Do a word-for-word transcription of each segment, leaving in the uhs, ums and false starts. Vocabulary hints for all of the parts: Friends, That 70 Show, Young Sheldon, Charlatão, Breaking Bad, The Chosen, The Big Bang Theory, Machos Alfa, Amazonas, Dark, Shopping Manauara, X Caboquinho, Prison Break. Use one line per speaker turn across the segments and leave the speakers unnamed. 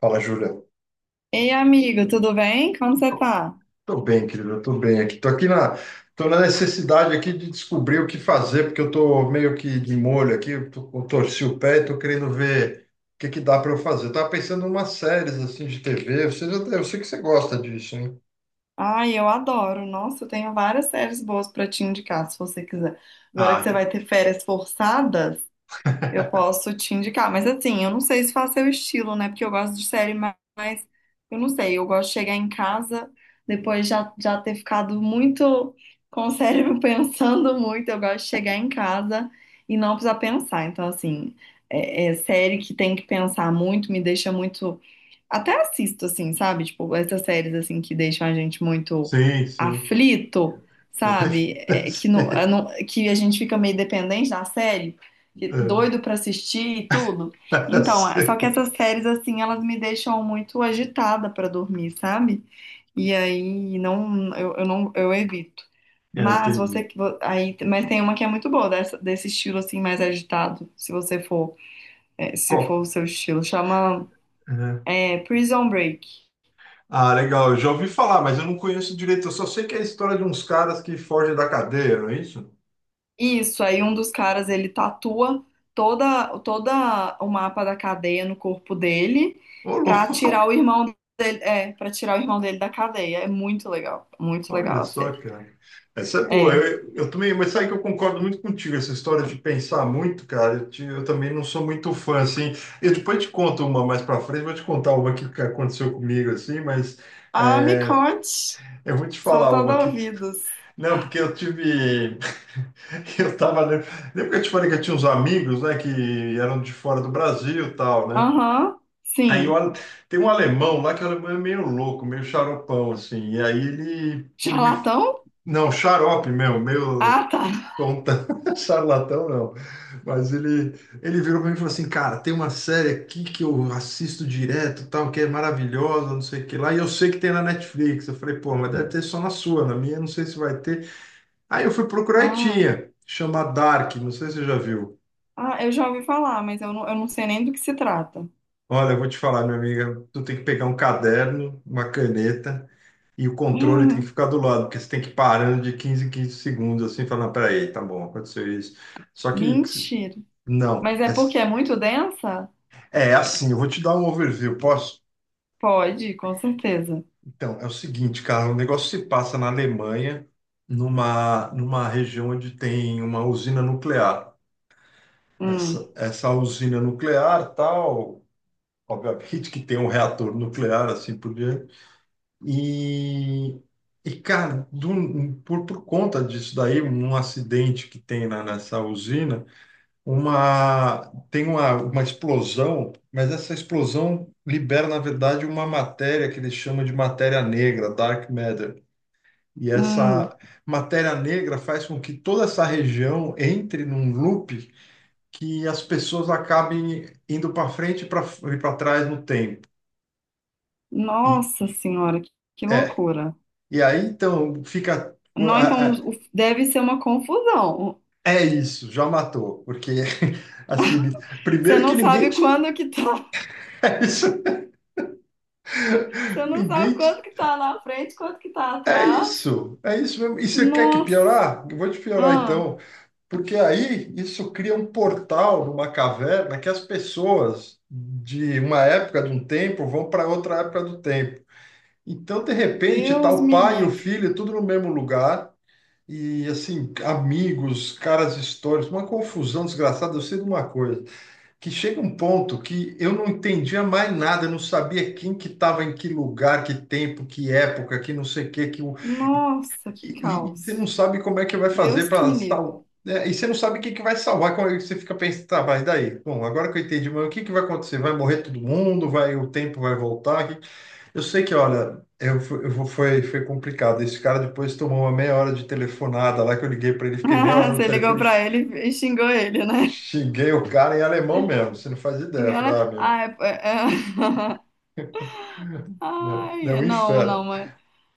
Fala, Júlia.
Ei, amigo, tudo bem? Como você tá?
Tô bem, querido, eu tô bem aqui. Tô aqui na, tô na necessidade aqui de descobrir o que fazer, porque eu tô meio que de molho aqui, eu, tô- eu torci o pé e tô querendo ver o que que dá para eu fazer. Eu tava pensando em umas séries assim de T V, você já, eu sei que você gosta disso, hein?
Ai, eu adoro. Nossa, eu tenho várias séries boas pra te indicar, se você quiser. Agora
Ah,
que você
então-
vai ter férias forçadas, eu posso te indicar. Mas assim, eu não sei se faz seu estilo, né? Porque eu gosto de série ma- mais. Eu não sei, eu gosto de chegar em casa depois já, já ter ficado muito com o cérebro pensando muito. Eu gosto de chegar em casa e não precisar pensar. Então, assim, é é série que tem que pensar muito, me deixa muito. Até assisto, assim, sabe? Tipo, essas séries, assim, que deixam a gente muito
sim, sim.
aflito, sabe? É, que, não, eu
Sei.
não- que a gente fica meio dependente da série, que- doido pra assistir e tudo.
É,
Então, é- só
sei.
que essas séries, assim, elas me deixam muito agitada pra dormir, sabe? E aí, não, eu, eu não, eu evito.
É,
Mas
entendi.
você, vo- aí, mas tem uma que é muito boa dessa- desse estilo assim mais agitado, se você for, é, se
Qual?
for o seu estilo, chama
Uhum.
é, Prison Break.
Ah, legal. Eu já ouvi falar, mas eu não conheço direito. Eu só sei que é a história de uns caras que fogem da cadeia, não é isso?
Isso, aí um dos caras ele tatua toda, toda o mapa da cadeia no corpo dele
Ô,
pra
louco.
tirar o irmão dele, é, para tirar o irmão dele da cadeia. É muito legal, muito legal
Olha
a
só,
série.
cara. Essa é boa.
É.
Eu, eu também, mas sabe que eu concordo muito contigo, essa história de pensar muito, cara. Eu, te- eu também não sou muito fã, assim. Eu depois te conto uma mais pra frente, vou te contar uma que que aconteceu comigo, assim, mas
Ah, me
é,
conte.
eu vou te
Sou
falar uma
toda
aqui.
ouvidos.
Não, porque eu tive. Eu tava. Lembra lembra que eu te falei que eu tinha uns amigos, né, que eram de fora do Brasil e tal, né?
Aham,
Aí eu,
sim.
al- tem um alemão lá que o alemão é meio louco, meio xaropão, assim. E aí ele. ele me
Charlatão?
não, xarope mesmo, meio
Ah, tá.
tonta, charlatão não. Mas ele, ele virou para mim e falou assim, cara, tem uma série aqui que eu assisto direto, tal, que é maravilhosa, não sei o que lá, e eu sei que tem na Netflix. Eu falei, pô, mas deve ter só na sua, na minha não sei se vai ter. Aí eu fui procurar e
Ah,
tinha, chama Dark, não sei se você já viu.
ah, eu já ouvi falar, mas eu não, eu não sei nem do que se trata.
Olha, eu vou te falar, minha amiga, tu tem que pegar um caderno, uma caneta, e o controle tem que
Ah,
ficar do lado, porque você tem que ir parando de quinze em quinze segundos, assim, falando, "Ah, peraí, tá bom, aconteceu isso. Só que,
mentira.
não,
Mas é
é
porque é muito densa?
É Assim, eu vou te dar um overview, posso?
Pode, com certeza.
Então, é o seguinte, cara, o negócio se passa na Alemanha, numa, numa região onde tem uma usina nuclear.
Hum.
Essa, essa usina nuclear, tal, obviamente que tem um reator nuclear, assim por diante. E, e cara, do- por, por conta disso daí, um acidente que tem na, nessa usina, uma tem uma, uma explosão, mas essa explosão libera, na verdade, uma matéria que eles chamam de matéria negra, dark matter. E
Hum,
essa matéria negra faz com que toda essa região entre num loop que as pessoas acabem indo para frente e para trás no tempo. E
nossa senhora, que, que
é.
loucura.
E aí então fica
Não, então
a- a-
no- o- deve ser uma confusão.
é isso, já matou, porque assim,
Você
primeiro que
não
ninguém
sabe
te
quando que tá,
é isso,
você não sabe
ninguém
quanto
te
que tá na frente, quanto que tá
é
atrás.
isso, é isso mesmo. E você quer que
Nossa,
piorar? Eu vou te piorar
ah,
então, porque aí isso cria um portal numa caverna que as pessoas de uma época de um tempo vão para outra época do tempo. Então, de repente, tá
Deus
o
me
pai e o
livre.
filho tudo no mesmo lugar e assim, amigos, caras históricos, uma confusão desgraçada. Eu sei de uma coisa, que chega um ponto que eu não entendia mais nada, eu não sabia quem que estava em que lugar, que tempo, que época, que não sei o que, que
Nossa, que
e, e você
caos.
não sabe como é que vai fazer
Deus que
para
me livre.
salvar. E você não sabe o que que vai salvar. Como é que você fica pensando, tá, mas daí? Bom, agora que eu entendi, mas o que que vai acontecer? Vai morrer todo mundo? Vai, o tempo vai voltar? Que- eu sei que, olha, eu, fu- eu fu- foi, foi complicado. Esse cara depois tomou uma meia hora de telefonada lá que eu liguei para ele, fiquei meia hora no
Você ligou
telefone,
pra
x-
ele e xingou ele, né?
xinguei o cara em alemão mesmo. Você não faz ideia.
E
Eu falei,
ela,
ah,
ah, é- é- é.
meu, meu, é
Ai,
um
não,
inferno.
não,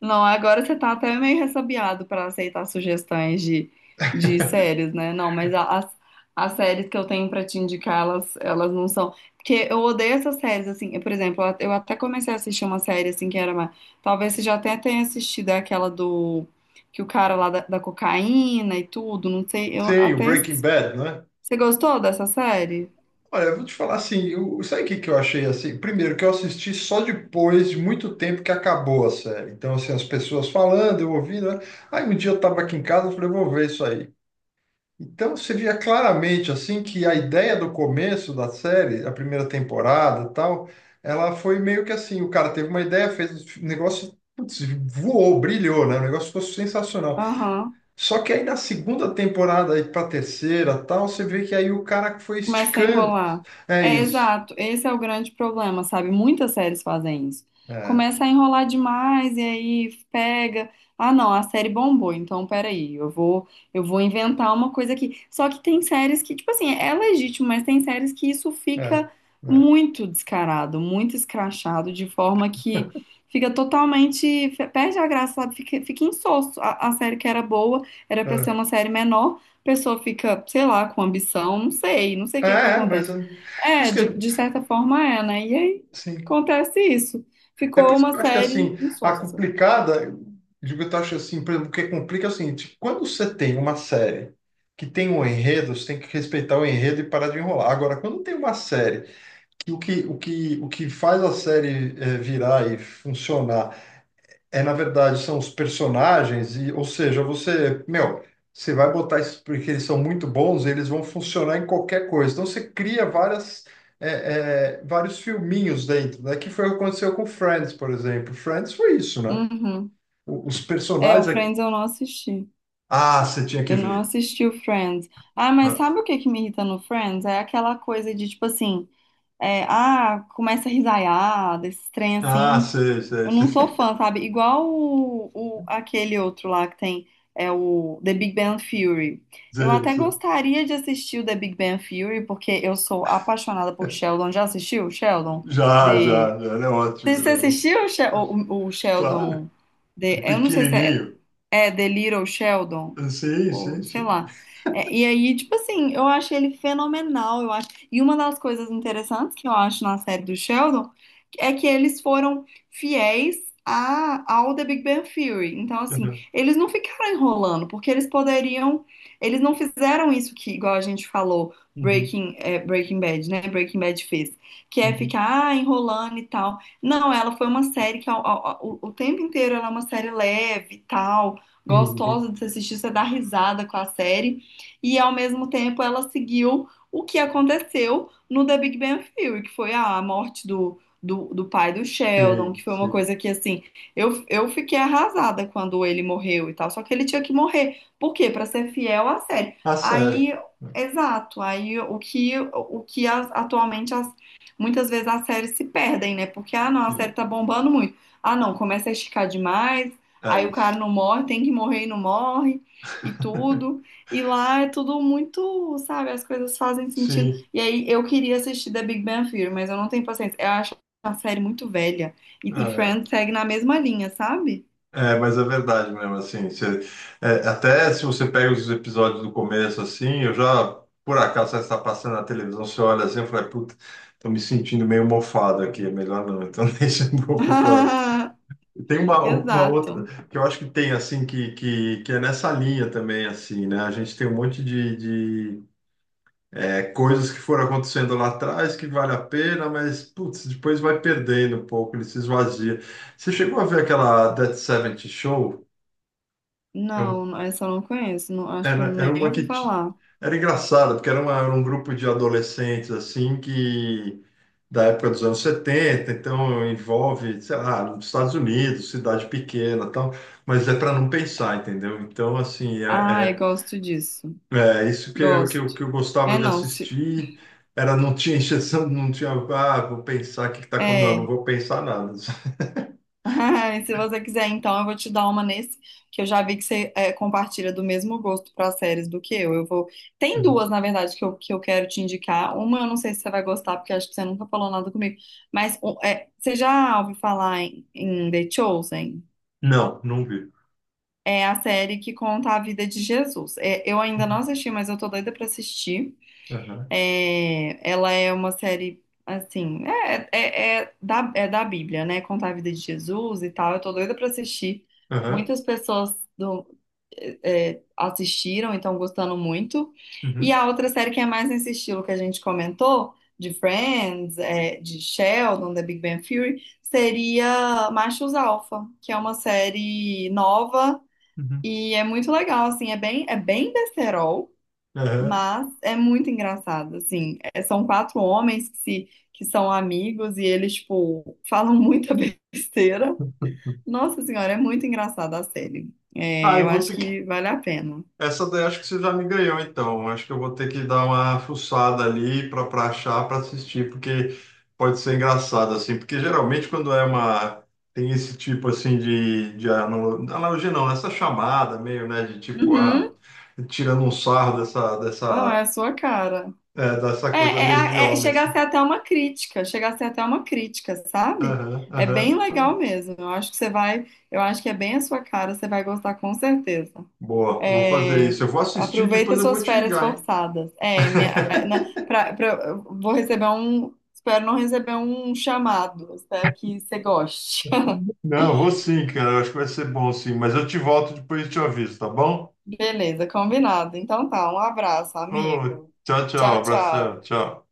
não, agora você tá até meio ressabiado para aceitar sugestões de, de séries, né? Não, mas a- as, as séries que eu tenho para te indicar, elas, elas não são. Porque eu odeio essas séries, assim. Por exemplo, eu até comecei a assistir uma série, assim, que era uma. Talvez você já até tenha assistido é aquela do. Que o cara lá da, da cocaína e tudo, não sei. Eu
Sim, o
até.
Breaking Bad, né?
Você gostou dessa série?
Olha, eu vou te falar assim, eu, sabe o que que eu achei assim? Primeiro, que eu assisti só depois de muito tempo que acabou a série. Então, assim, as pessoas falando, eu ouvindo, né? Aí um dia eu estava aqui em casa, eu falei, vou ver isso aí. Então, você via claramente, assim, que a ideia do começo da série, a primeira temporada e tal, ela foi meio que assim, o cara teve uma ideia, fez um negócio, putz, voou, brilhou, né? O negócio ficou sensacional.
Aham.
Só que aí na segunda temporada, aí pra terceira tal, você vê que aí o cara foi
Começa a
esticando.
enrolar.
É
É
isso.
exato, esse é o grande problema, sabe? Muitas séries fazem isso.
É,
Começa a enrolar demais e aí pega. Ah, não, a série bombou, então peraí, eu vou, eu vou inventar uma coisa aqui. Só que tem séries que, tipo assim, é legítimo, mas tem séries que isso
é,
fica
é,
muito descarado, muito escrachado, de forma que fica totalmente, perde a graça, sabe? Fica, fica insosso. A, a série que era boa era pra ser
é,
uma série menor pessoa fica, sei lá, com ambição, não sei, não sei o
É,
que que
é, mas
acontece.
é, por
É,
isso que,
de, de certa forma é, né? E aí
assim,
acontece isso.
é por
Ficou
isso que eu
uma
acho que,
série
assim, a
insossa.
complicada, eu digo, eu acho assim, por exemplo, o que complica é o seguinte, quando você tem uma série que tem um enredo, você tem que respeitar o enredo e parar de enrolar. Agora, quando tem uma série que o que, o que, o que faz a série eh, virar e funcionar é, na verdade, são os personagens, e, ou seja, você, meu, você vai botar isso porque eles são muito bons, eles vão funcionar em qualquer coisa. Então você cria várias, é, é, vários filminhos dentro, né? Que foi o que aconteceu com Friends, por exemplo. Friends foi isso, né?
Uhum.
O- Os
É, o
personagens aqui.
Friends eu não assisti.
Ah, você tinha que
Eu não
ver.
assisti o Friends. Ah, mas
Ah,
sabe o que que me irrita no Friends? É aquela coisa de tipo assim, é, ah, começa a risaiar, desse trem
ah,
assim.
sei, sei,
Eu não sou
sei,
fã, sabe? Igual o, o- aquele outro lá que tem, é o The Big Bang Theory. Eu
sei,
até
sei.
gostaria de assistir o The Big Bang Theory, porque eu sou apaixonada por Sheldon. Já assistiu, Sheldon?
Já,
The...
já, já, ele é
Você
ótimo, ele
você
é ótimo.
assistiu o, She- o- o
Claro,
Sheldon? The...
o
Eu não sei se é,
pequenininho.
é The Little Sheldon
Sim,
ou
sim,
sei
sim.
lá. É, e aí, tipo assim, eu achei ele fenomenal, eu acho. E uma das coisas interessantes que eu acho na série do Sheldon é que eles foram fiéis a, ao The Big Bang Theory. Então, assim,
Uhum,
eles não ficaram enrolando, porque eles poderiam, eles não fizeram isso que, igual a gente falou,
uhum,
Breaking, é, Breaking Bad, né? Breaking Bad fez, que é ficar ah, enrolando e tal. Não, ela foi uma série que ao- ao- ao- o tempo inteiro ela é uma série leve e tal
uhum.
gostosa de se assistir, você dá risada com a série. E ao mesmo tempo ela seguiu o que aconteceu no The Big Bang Theory, que foi a morte do, do, do pai do Sheldon,
Sim,
que foi uma
sim.
coisa que assim, eu, eu fiquei arrasada quando ele morreu e tal. Só que ele tinha que morrer. Por quê? Pra ser fiel à série.
Ah, sério.
Aí, exato, aí o que, o que as- atualmente as, muitas vezes as séries se perdem, né? Porque, ah, não, a série
Sim,
tá bombando muito. Ah, não, começa a esticar demais,
é
aí o
isso.
cara não morre, tem que morrer e não morre e tudo. E lá é tudo muito, sabe, as coisas fazem sentido.
Sim,
E aí eu queria assistir The Big Bang Theory, mas eu não tenho paciência. Eu acho a série muito velha. E, e
é,
Friends segue na mesma linha, sabe?
é, mas é verdade mesmo, assim, você- é, até se você pega os episódios do começo, assim, eu já, por acaso, você está passando na televisão, você olha assim, eu falei, puta, tô me sentindo meio mofado aqui, é melhor não, então deixa eu vou pro próximo. Tem uma, uma outra,
Exato.
que eu acho que tem, assim, que, que, que é nessa linha também, assim, né, a gente tem um monte de, de É, coisas que foram acontecendo lá atrás que vale a pena, mas putz, depois vai perdendo um pouco, ele se esvazia. Você chegou a ver aquela That seventy Show? É um-
Não, essa eu não conheço. Não, acho que eu
Era, era
nem
uma
ouvi
que ti-
falar.
era engraçada, porque era, uma- era um grupo de adolescentes assim que da época dos anos setenta, então envolve, sei lá, nos Estados Unidos, cidade pequena, e tal, mas é para não pensar, entendeu? Então assim, é,
Ai,
é,
gosto disso.
é, isso que eu, que eu,
Gosto.
que eu gostava
É
de
não, se,
assistir era não tinha injeção, não tinha, ah, vou pensar o que que tá acontecendo. Não, não
é.
vou pensar nada.
E se você quiser, então, eu vou te dar uma nesse, que eu já vi que você é, compartilha do mesmo gosto para séries do que eu. Eu vou. Tem
Uhum.
duas, na verdade, que eu, que eu quero te indicar. Uma eu não sei se você vai gostar, porque acho que você nunca falou nada comigo. Mas um, é, você já ouviu falar em, em The Chosen?
Não, não vi.
É a série que conta a vida de Jesus. É, eu ainda não
Uhum.
assisti, mas eu tô doida para assistir.
Aham,
É, ela é uma série, assim, é, é, é da, é da Bíblia, né? Contar a vida de Jesus e tal. Eu tô doida pra assistir.
aham,
Muitas pessoas do- é, é, assistiram e estão gostando muito. E
uhum,
a outra série que é mais nesse estilo que a gente comentou, de Friends, é, de Sheldon, da Big Bang Theory, seria Machos Alfa, que é uma série nova
uhum,
e é muito legal, assim, é bem, é bem besterol.
aham.
Mas é muito engraçado, assim. É, são quatro homens que, se, que são amigos e eles, tipo, falam muita besteira. Nossa Senhora, é muito engraçada a série. É,
Ah, eu
eu
vou
acho
ter que
que vale a pena.
essa daí acho que você já me ganhou, então. Acho que eu vou ter que dar uma fuçada ali para para achar, para assistir, porque pode ser engraçado, assim. Porque geralmente quando é uma... Tem esse tipo, assim, de, de analo- analogia, não. Né? Essa chamada meio, né, de tipo, ah,
Uhum.
tirando um sarro dessa,
Ah, é
dessa,
a sua cara.
é, dessa
É,
coisa
é,
meio
a-
de
é,
homem,
chega a ser
assim.
até uma crítica, chega a ser até uma crítica, sabe?
Aham,
É
aham,
bem
legal.
legal mesmo. Eu acho que você vai, eu acho que é bem a sua cara, você vai gostar com certeza.
Boa, eu vou fazer
É,
isso. Eu vou assistir, depois
aproveita
eu vou
suas
te
férias
ligar, hein?
forçadas. É, minha, na, pra, pra- eu vou receber um. Espero não receber um chamado. Espero que você goste.
Não, eu vou sim, cara. Eu acho que vai ser bom, sim. Mas eu te volto depois e te aviso, tá bom?
Beleza, combinado. Então tá, um abraço,
Oh,
amigo.
tchau, tchau.
Tchau,
Abração.
tchau.
Tchau.